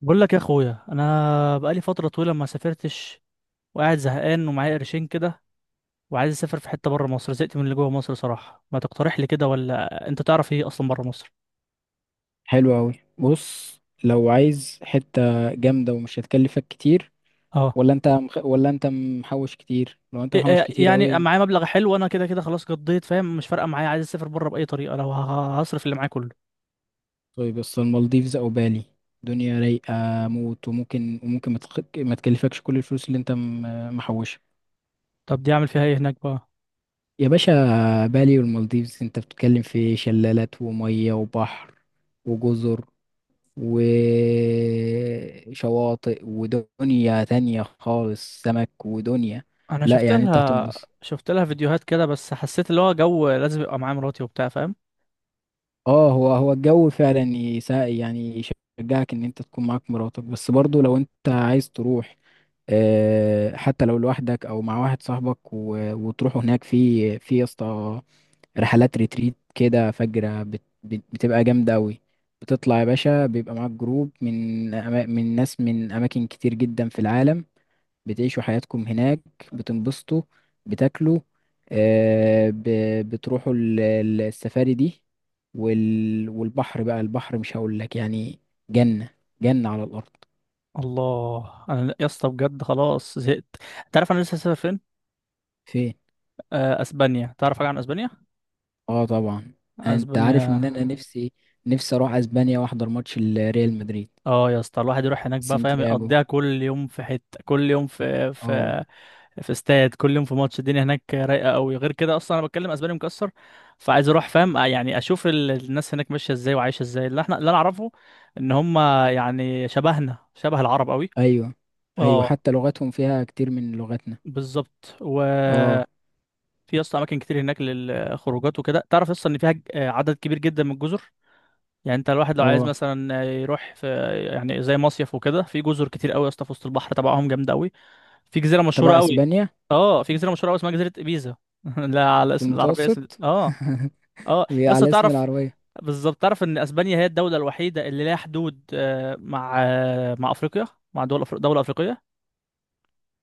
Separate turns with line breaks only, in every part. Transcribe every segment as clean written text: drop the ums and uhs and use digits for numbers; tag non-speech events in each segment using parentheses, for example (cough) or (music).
بقول لك يا اخويا، انا بقالي فتره طويله ما سافرتش وقاعد زهقان ومعايا قرشين كده، وعايز اسافر في حته بره مصر. زهقت من اللي جوه مصر صراحه. ما تقترح لي كده، ولا انت تعرف ايه اصلا بره مصر؟
حلو أوي، بص، لو عايز حتة جامدة ومش هتكلفك كتير.
اه.
ولا انت محوش كتير، لو انت
إيه-
محوش
إيه،
كتير
يعني
أوي.
معايا مبلغ حلو، انا كده كده خلاص قضيت، فاهم؟ مش فارقه معايا، عايز اسافر بره باي طريقه لو هصرف اللي معايا كله.
طيب، بس المالديفز أو بالي، دنيا رايقة موت. وممكن ما تكلفكش كل الفلوس اللي انت محوشها.
طب دي اعمل فيها ايه هناك بقى؟
يا باشا، بالي والمالديفز، انت بتتكلم في شلالات ومية وبحر وجزر وشواطئ ودنيا تانية خالص، سمك ودنيا.
انا
لا،
شفت
يعني انت
لها،
هتنبسط.
فيديوهات كده، بس حسيت اللي هو جو لازم يبقى معايا مراتي وبتاع، فاهم؟
اه، هو الجو فعلا يساعد يعني، يشجعك ان انت تكون معاك مراتك، بس برضو لو انت عايز تروح آه، حتى لو لوحدك او مع واحد صاحبك وتروحوا هناك في يا اسطى رحلات ريتريت كده فجرة بتبقى جامدة أوي. بتطلع يا باشا، بيبقى معاك جروب من ناس من أماكن كتير جدا في العالم. بتعيشوا حياتكم هناك، بتنبسطوا، بتاكلوا، آه... ب... بتروحوا السفاري دي، والبحر بقى. البحر مش هقول لك، يعني جنة، جنة على الأرض.
الله. انا يا اسطى بجد خلاص زهقت. انت عارف انا لسه هسافر فين؟
فين؟
اسبانيا. تعرف حاجه عن اسبانيا؟
اه، طبعا. انت عارف ان
اسبانيا.
انا نفسي، نفسي اروح اسبانيا واحضر ماتش الريال مدريد.
اه يا اسطى، الواحد يروح هناك بقى، فاهم؟
سانتياغو.
يقضيها كل يوم في حته، كل يوم في
اه.
في استاد، كل يوم في ماتش. الدنيا هناك رايقه قوي. غير كده، اصلا انا بتكلم اسباني مكسر، فعايز اروح، فاهم؟ يعني اشوف الناس هناك ماشيه ازاي وعايشه ازاي. اللي احنا، اللي انا اعرفه ان هم يعني شبهنا، شبه العرب قوي.
ايوه. ايوه،
اه.
حتى لغتهم فيها كتير من لغتنا.
بالظبط. وفي
اه.
يا اسطى اماكن كتير هناك للخروجات وكده. تعرف اصلا ان فيها عدد كبير جدا من الجزر؟ يعني انت الواحد لو عايز
اه،
مثلا يروح في، يعني زي مصيف وكده، في جزر كتير قوي يا اسطى، في وسط البحر تبعهم جامده قوي. في جزيره مشهوره
تبع
قوي.
اسبانيا.
اه، في جزيره مشهوره قوي اسمها جزيره ابيزا. (laughs) لا، على
في
اسم العربيه، اسم
المتوسط.
اه. اه
(laughs) هي
يا اسطى،
على اسم
تعرف؟
العربية.
بالظبط. تعرف ان اسبانيا هي الدوله الوحيده اللي لها حدود مع مع افريقيا، مع دول دوله افريقيه.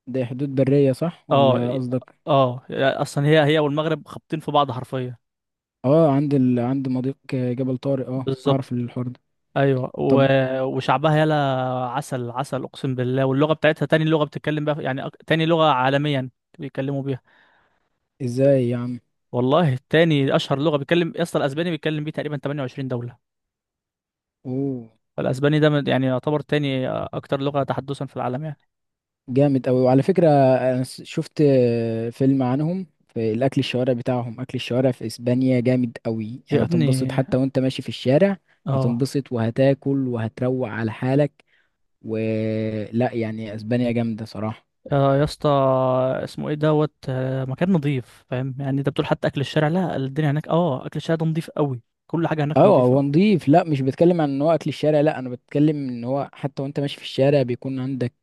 ده حدود برية صح
اه
ولا قصدك؟
اه. اصلا هي هي والمغرب خابطين في بعض حرفيا.
اه، عند مضيق جبل طارق. اه، اعرف
بالظبط.
الحوار ده.
ايوه
طب.
وشعبها يلا، عسل عسل، اقسم بالله. واللغه بتاعتها تاني لغه بتتكلم بقى، يعني تاني لغه عالميا بيتكلموا بيها.
ازاي يا عم؟
والله تاني اشهر لغه بيتكلم يا اسطى. الاسباني بيتكلم بيه تقريبا 28 دوله.
اوه.
فالاسباني ده يعني يعتبر تاني اكتر لغه تحدثا في العالم يعني.
جامد اوي. وعلى فكرة، انا شفت فيلم عنهم في الاكل، الشوارع بتاعهم، اكل الشوارع في اسبانيا جامد اوي،
يا
يعني هتنبسط
ابني
حتى وانت ماشي في الشارع.
اه.
هتنبسط وهتاكل وهتروق على حالك، ولا يعني اسبانيا جامده صراحه.
آه يا اسطى، اسمه ايه دوت آه، مكان نظيف، فاهم؟ يعني انت بتقول حتى اكل الشارع؟ لا، الدنيا هناك، اه، اكل الشارع ده نظيف قوي. كل حاجه هناك
اه،
نظيفه.
هو نضيف. لا، مش بتكلم عن ان هو اكل الشارع، لا، انا بتكلم ان هو حتى وانت ماشي في الشارع بيكون عندك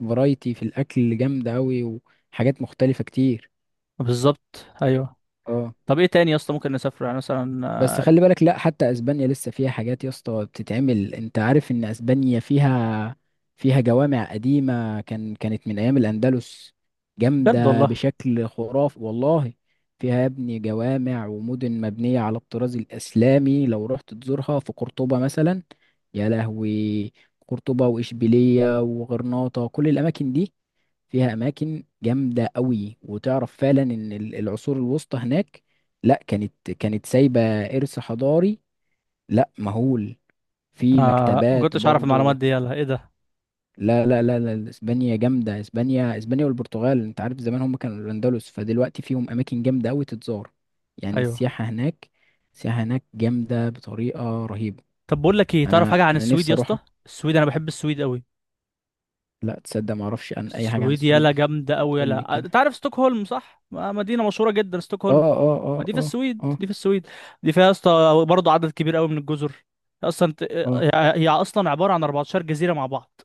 فرايتي في الاكل جامده قوي، وحاجات مختلفه كتير.
بالظبط ايوه.
اه.
طب ايه تاني يا اسطى ممكن نسافر يعني مثلا؟
بس خلي بالك، لا، حتى اسبانيا لسه فيها حاجات يا اسطى بتتعمل. انت عارف ان اسبانيا فيها جوامع قديمة كانت من ايام الاندلس،
بجد
جامدة
والله.
بشكل خرافي والله. فيها يا ابني جوامع ومدن مبنية على الطراز الاسلامي، لو رحت تزورها في قرطبة مثلا، يا لهوي. قرطبة واشبيلية وغرناطة، كل الاماكن دي فيها اماكن جامده قوي. وتعرف فعلا ان العصور الوسطى هناك، لا، كانت سايبه ارث حضاري، لا، مهول، في
آه، ما
مكتبات
كنتش اعرف المعلومات
برضو.
دي، يلا ايه ده!
لا، لا، لا، لا، اسبانيا جامده، اسبانيا، اسبانيا والبرتغال، انت عارف زمان هم كانوا الاندلس، فدلوقتي فيهم اماكن جامده قوي تتزار. يعني
ايوه.
السياحه هناك جامده بطريقه رهيبه.
طب بقول لك ايه، تعرف حاجه
انا
عن
انا
السويد
نفسي
يا
اروح.
اسطى؟ السويد، انا بحب السويد قوي.
لا تصدق، ما اعرفش عن اي حاجه عن
السويد يلا
السويد.
جامده قوي
بتقول لي
يلا.
كده؟
انت عارف ستوكهولم، صح؟ مدينه مشهوره جدا
اه،
ستوكهولم.
اه،
ما
اه،
دي في
اه.
السويد،
اه.
دي في السويد. دي فيها يا اسطى برضه عدد كبير قوي من الجزر. اصلا
اه.
هي، هي اصلا عباره عن 14 جزيره مع بعض،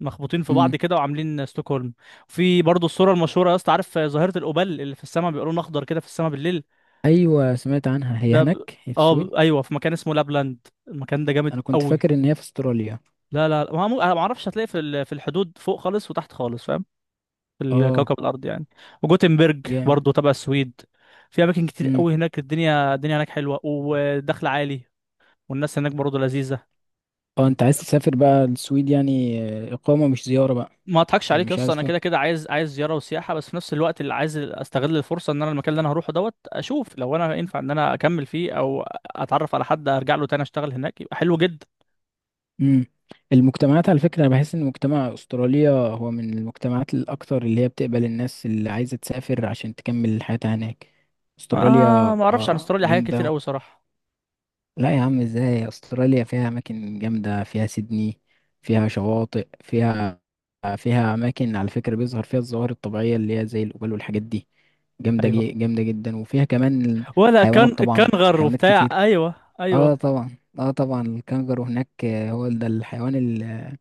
مخبوطين في
مم.
بعض كده وعاملين ستوكهولم. في برضه الصوره المشهوره يا اسطى، عارف ظاهره الأوبال اللي في السماء، بيبقى لون اخضر كده في السماء بالليل؟
ايوه، سمعت عنها، هي
ده ب...
هناك، هي في
اه،
السويد.
ايوه، في مكان اسمه لابلاند، المكان ده جامد
انا كنت
قوي.
فاكر ان هي في استراليا.
لا لا لا، ما مو... انا ما اعرفش. هتلاقي في في الحدود فوق خالص وتحت خالص، فاهم؟ في
اه.
الكوكب الارض يعني. وجوتنبرج
جامد.
برضو تبع السويد. في اماكن كتير
امم.
قوي هناك. الدنيا، الدنيا هناك حلوه ودخل عالي. والناس هناك برضو لذيذه.
اه،
انت
انت عايز
فاهم؟
تسافر بقى السويد يعني؟ آه، اقامه مش زياره بقى؟
ما اضحكش
يعني
عليك يا
مش
اسطى،
عايز
انا
تروح؟
كده كده عايز زياره وسياحه، بس في نفس الوقت اللي عايز استغل الفرصه ان انا المكان اللي انا هروحه اشوف لو انا ينفع ان انا اكمل فيه او اتعرف على حد ارجع له تاني اشتغل هناك، يبقى حلو جدا.
امم. المجتمعات، على فكره، انا بحس ان مجتمع استراليا هو من المجتمعات الاكثر اللي هي بتقبل الناس اللي عايزه تسافر عشان تكمل حياتها هناك.
آه،
استراليا
ما اعرفش عن
آه،
استراليا حاجات
جامده
كتير
أوي.
قوي صراحه.
لا يا عم، ازاي؟ استراليا فيها اماكن جامده، فيها سيدني، فيها شواطئ، فيها اماكن على فكره بيظهر فيها الظواهر الطبيعيه اللي هي زي الجبال والحاجات دي، جامده
ايوه.
جامده جدا، وفيها كمان
ولا
حيوانات،
كان
طبعا
كانغر
حيوانات
وبتاع،
كتير.
ايوه ايوه.
اه طبعا، اه طبعا الكنجرو هناك آه، هو ده الحيوان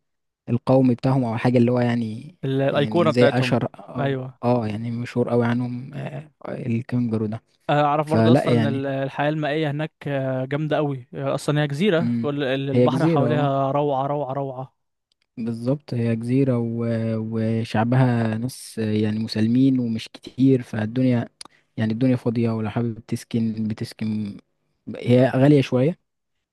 القومي بتاعهم او حاجه اللي هو يعني،
الايقونه
يعني زي
بتاعتهم.
اشهر اه.
ايوه.
اه يعني مشهور قوي عنهم آه الكنجرو ده.
اعرف برضو
فلا
اصلا
يعني.
الحياه المائيه هناك جامده قوي. اصلا هي جزيره،
مم.
كل
هي
البحر
جزيره اه.
حواليها روعه روعه روعه.
بالظبط، هي جزيرة وشعبها ناس يعني مسالمين، ومش كتير فالدنيا، يعني الدنيا فاضية، ولو حابب تسكن بتسكن. هي غالية شوية،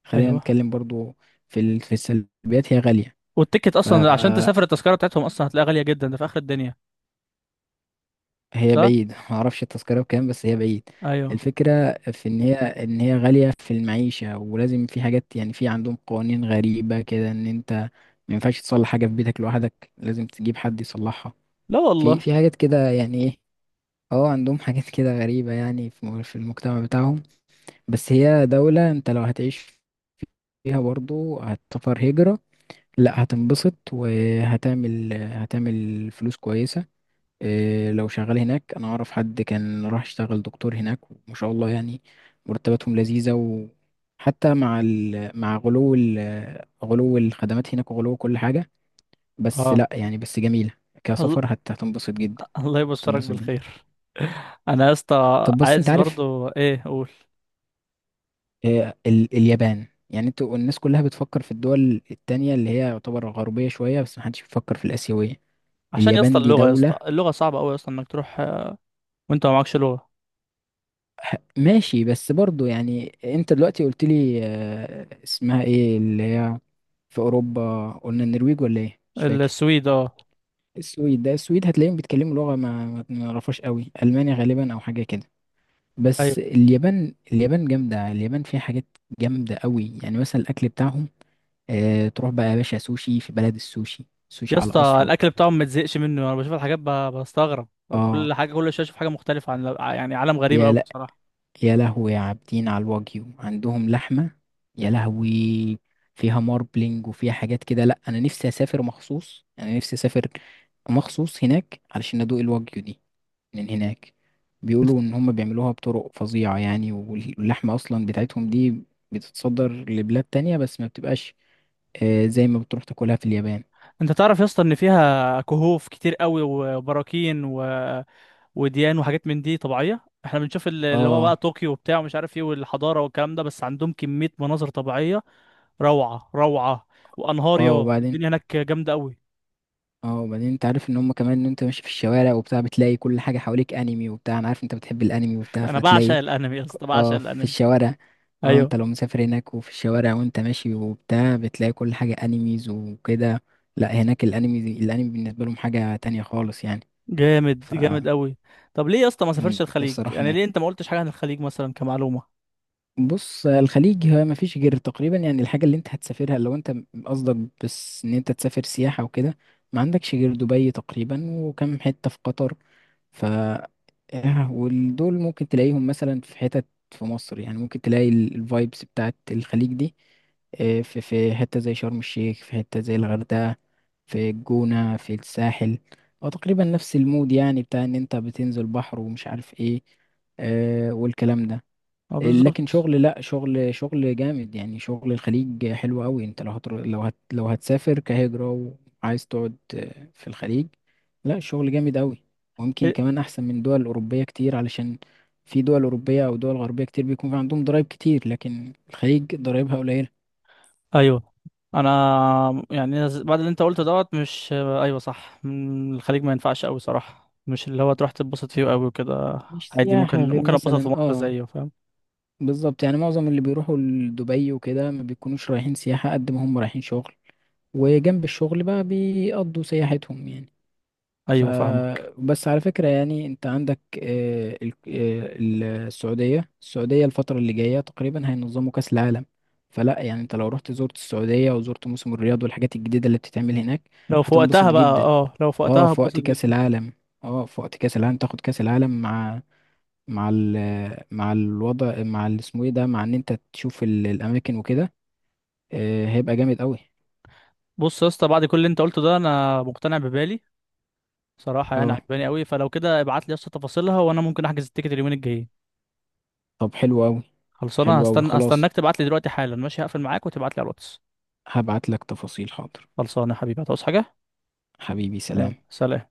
خلينا
ايوه.
نتكلم برضو في في السلبيات، هي غالية.
والتيكت اصلا عشان
فهي
تسافر، التذكره بتاعتهم اصلا هتلاقيها غاليه جدا، ده في اخر الدنيا. صح.
بعيد، معرفش التذكرة بكام، بس هي بعيد.
ايوه.
الفكرة في ان هي غالية في المعيشة، ولازم في حاجات يعني، في عندهم قوانين غريبة كده، ان انت ما ينفعش تصلح حاجة في بيتك لوحدك، لازم تجيب حد يصلحها.
لا والله.
في حاجات كده يعني ايه. اه، عندهم حاجات كده غريبة يعني في في المجتمع بتاعهم. بس هي دولة، انت لو هتعيش فيها برضو هتسافر هجرة، لا، هتنبسط وهتعمل فلوس كويسة. إيه، لو شغال هناك، انا اعرف حد كان راح يشتغل دكتور هناك وما شاء الله، يعني مرتباتهم لذيذة. وحتى مع مع غلو الخدمات هناك، وغلو كل حاجة، بس
اه.
لا يعني، بس جميلة.
الله.
كسفر هتنبسط جدا.
الله يبشرك
هتنبسط جدا.
بالخير. انا يا اسطى
طب، بس انت
عايز
عارف،
برضو، ايه اقول،
آه، اليابان، يعني انتوا الناس كلها بتفكر في الدول التانية اللي هي يعتبر غربية شوية، بس محدش بيفكر في الآسيوية.
عشان يا اسطى
اليابان دي
اللغه، يا
دولة.
اسطى اللغه صعبه قوي اصلا انك تروح وانت ما معكش لغه.
ماشي، بس برضو يعني انت دلوقتي قلت لي آه، اسمها ايه اللي هي في أوروبا، قلنا النرويج ولا ايه مش فاكر؟
السويد اه.
السويد، ده السويد هتلاقيهم بيتكلموا لغة ما نعرفهاش قوي، ألمانيا غالبا أو حاجة كده. بس
أيوه.
اليابان، اليابان جامدة، اليابان فيها حاجات جامدة قوي، يعني مثلا الأكل بتاعهم. آه، تروح بقى يا باشا سوشي في بلد السوشي، سوشي
يا
على
اسطى
أصله.
الاكل بتاعهم ما تزهقش منه. انا بشوف الحاجات بستغرب.
اه.
كل حاجه، كل شويه اشوف حاجه مختلفه، عن يعني عالم غريب
يا
قوي
لا.
بصراحه.
يا لهوي يا عابدين على الواجيو، عندهم لحمة. يا لهوي، فيها ماربلينج وفيها حاجات كده. لا، أنا نفسي أسافر مخصوص هناك علشان أدوق الواجيو دي من هناك.
انت
بيقولوا إن هم بيعملوها بطرق فظيعة يعني، واللحمة أصلا بتاعتهم دي بتتصدر لبلاد تانية، بس ما بتبقاش آه زي ما بتروح تاكلها في اليابان.
انت تعرف يا اسطى ان فيها كهوف كتير قوي وبراكين وديان وحاجات من دي طبيعيه. احنا بنشوف اللي هو بقى
اه.
طوكيو وبتاع، ومش عارف ايه، والحضاره والكلام ده، بس عندهم كميه مناظر طبيعيه روعه روعه، وانهار.
اه
يا،
وبعدين،
الدنيا هناك جامده قوي.
اه وبعدين انت عارف ان هم كمان ان انت ماشي في الشوارع وبتاع بتلاقي كل حاجة حواليك انمي وبتاع، انا عارف انت بتحب الانمي وبتاع
انا بعشق
فتلاقي
الانمي يا اسطى، بعشق
اه، في
الانمي.
الشوارع. اه،
ايوه.
انت لو مسافر هناك وفي الشوارع وانت ماشي وبتاع بتلاقي كل حاجة انميز وكده. لا، هناك الانمي بالنسبة لهم حاجة تانية خالص يعني.
جامد
ف
جامد قوي. طب ليه يا اسطى ما سافرش الخليج؟
نفسي اروح
يعني
هناك.
ليه انت ما قلتش حاجه عن الخليج مثلا كمعلومه؟
بص، الخليج ما مفيش غير تقريبا يعني الحاجة اللي انت هتسافرها، لو انت قصدك بس ان انت تسافر سياحة وكده، ما عندكش غير دبي تقريبا وكم حتة في قطر. ف آه، ودول ممكن تلاقيهم مثلا في حتت في مصر يعني، ممكن تلاقي الفايبس بتاعت الخليج دي، آه، في حتة زي شرم الشيخ، في حتة زي الغردقة، في الجونة، في الساحل. هو تقريبا نفس المود يعني بتاع ان انت بتنزل بحر ومش عارف ايه، آه، والكلام ده.
اه
لكن
بالظبط.
شغل، لا، شغل جامد يعني، شغل الخليج حلو قوي، انت لو لو هتسافر كهجرة وعايز تقعد في الخليج، لا الشغل جامد قوي، ويمكن
إيه؟
كمان احسن من دول اوروبية كتير، علشان في دول اوروبية او دول غربية كتير بيكون في عندهم ضرايب كتير، لكن الخليج ضرايبها قليلة.
ايوه. انا يعني بعد اللي انت قلته مش ايوه صح. الخليج ما ينفعش قوي صراحه، مش اللي هو تروح تتبسط فيه قوي وكده.
مش
عادي،
سياحة
ممكن
غير
ممكن اتبسط في
مثلا
مصر
اه.
زيه، فاهم؟
بالظبط، يعني معظم اللي بيروحوا لدبي وكده ما بيكونوش رايحين سياحة قد ما هم رايحين شغل، وجنب الشغل بقى بيقضوا سياحتهم يعني.
ايوه فاهمك.
فبس على فكرة، يعني انت عندك آه، السعودية الفترة اللي جاية تقريبا هينظموا كأس العالم. فلا يعني، انت لو رحت زرت السعودية وزرت موسم الرياض والحاجات الجديدة اللي بتتعمل هناك
لو في
هتنبسط
وقتها بقى،
جدا.
اه، لو في
اه
وقتها
في
هتبسط
وقت كأس
جدا.
العالم. اه في وقت كأس العالم، تاخد كأس العالم مع، مع ال مع الوضع، مع اسمه ايه ده، مع ان انت تشوف الاماكن وكده آه، هيبقى جامد قوي.
بص يا اسطى، بعد كل اللي انت قلته ده، انا مقتنع ببالي صراحه، يعني
اه.
عجباني قوي. فلو كده ابعت لي يا اسطى تفاصيلها، وانا ممكن احجز التيكت اليومين الجايين.
طب، حلو قوي.
خلصانه.
حلو قوي،
هستنى،
خلاص.
استناك تبعت لي دلوقتي حالا، ماشي؟ هقفل معاك وتبعت لي على الواتس.
هبعت لك تفاصيل، حاضر.
خلصانه يا حبيبي. هتعوز حاجه؟
حبيبي،
يلا
سلام.
سلام.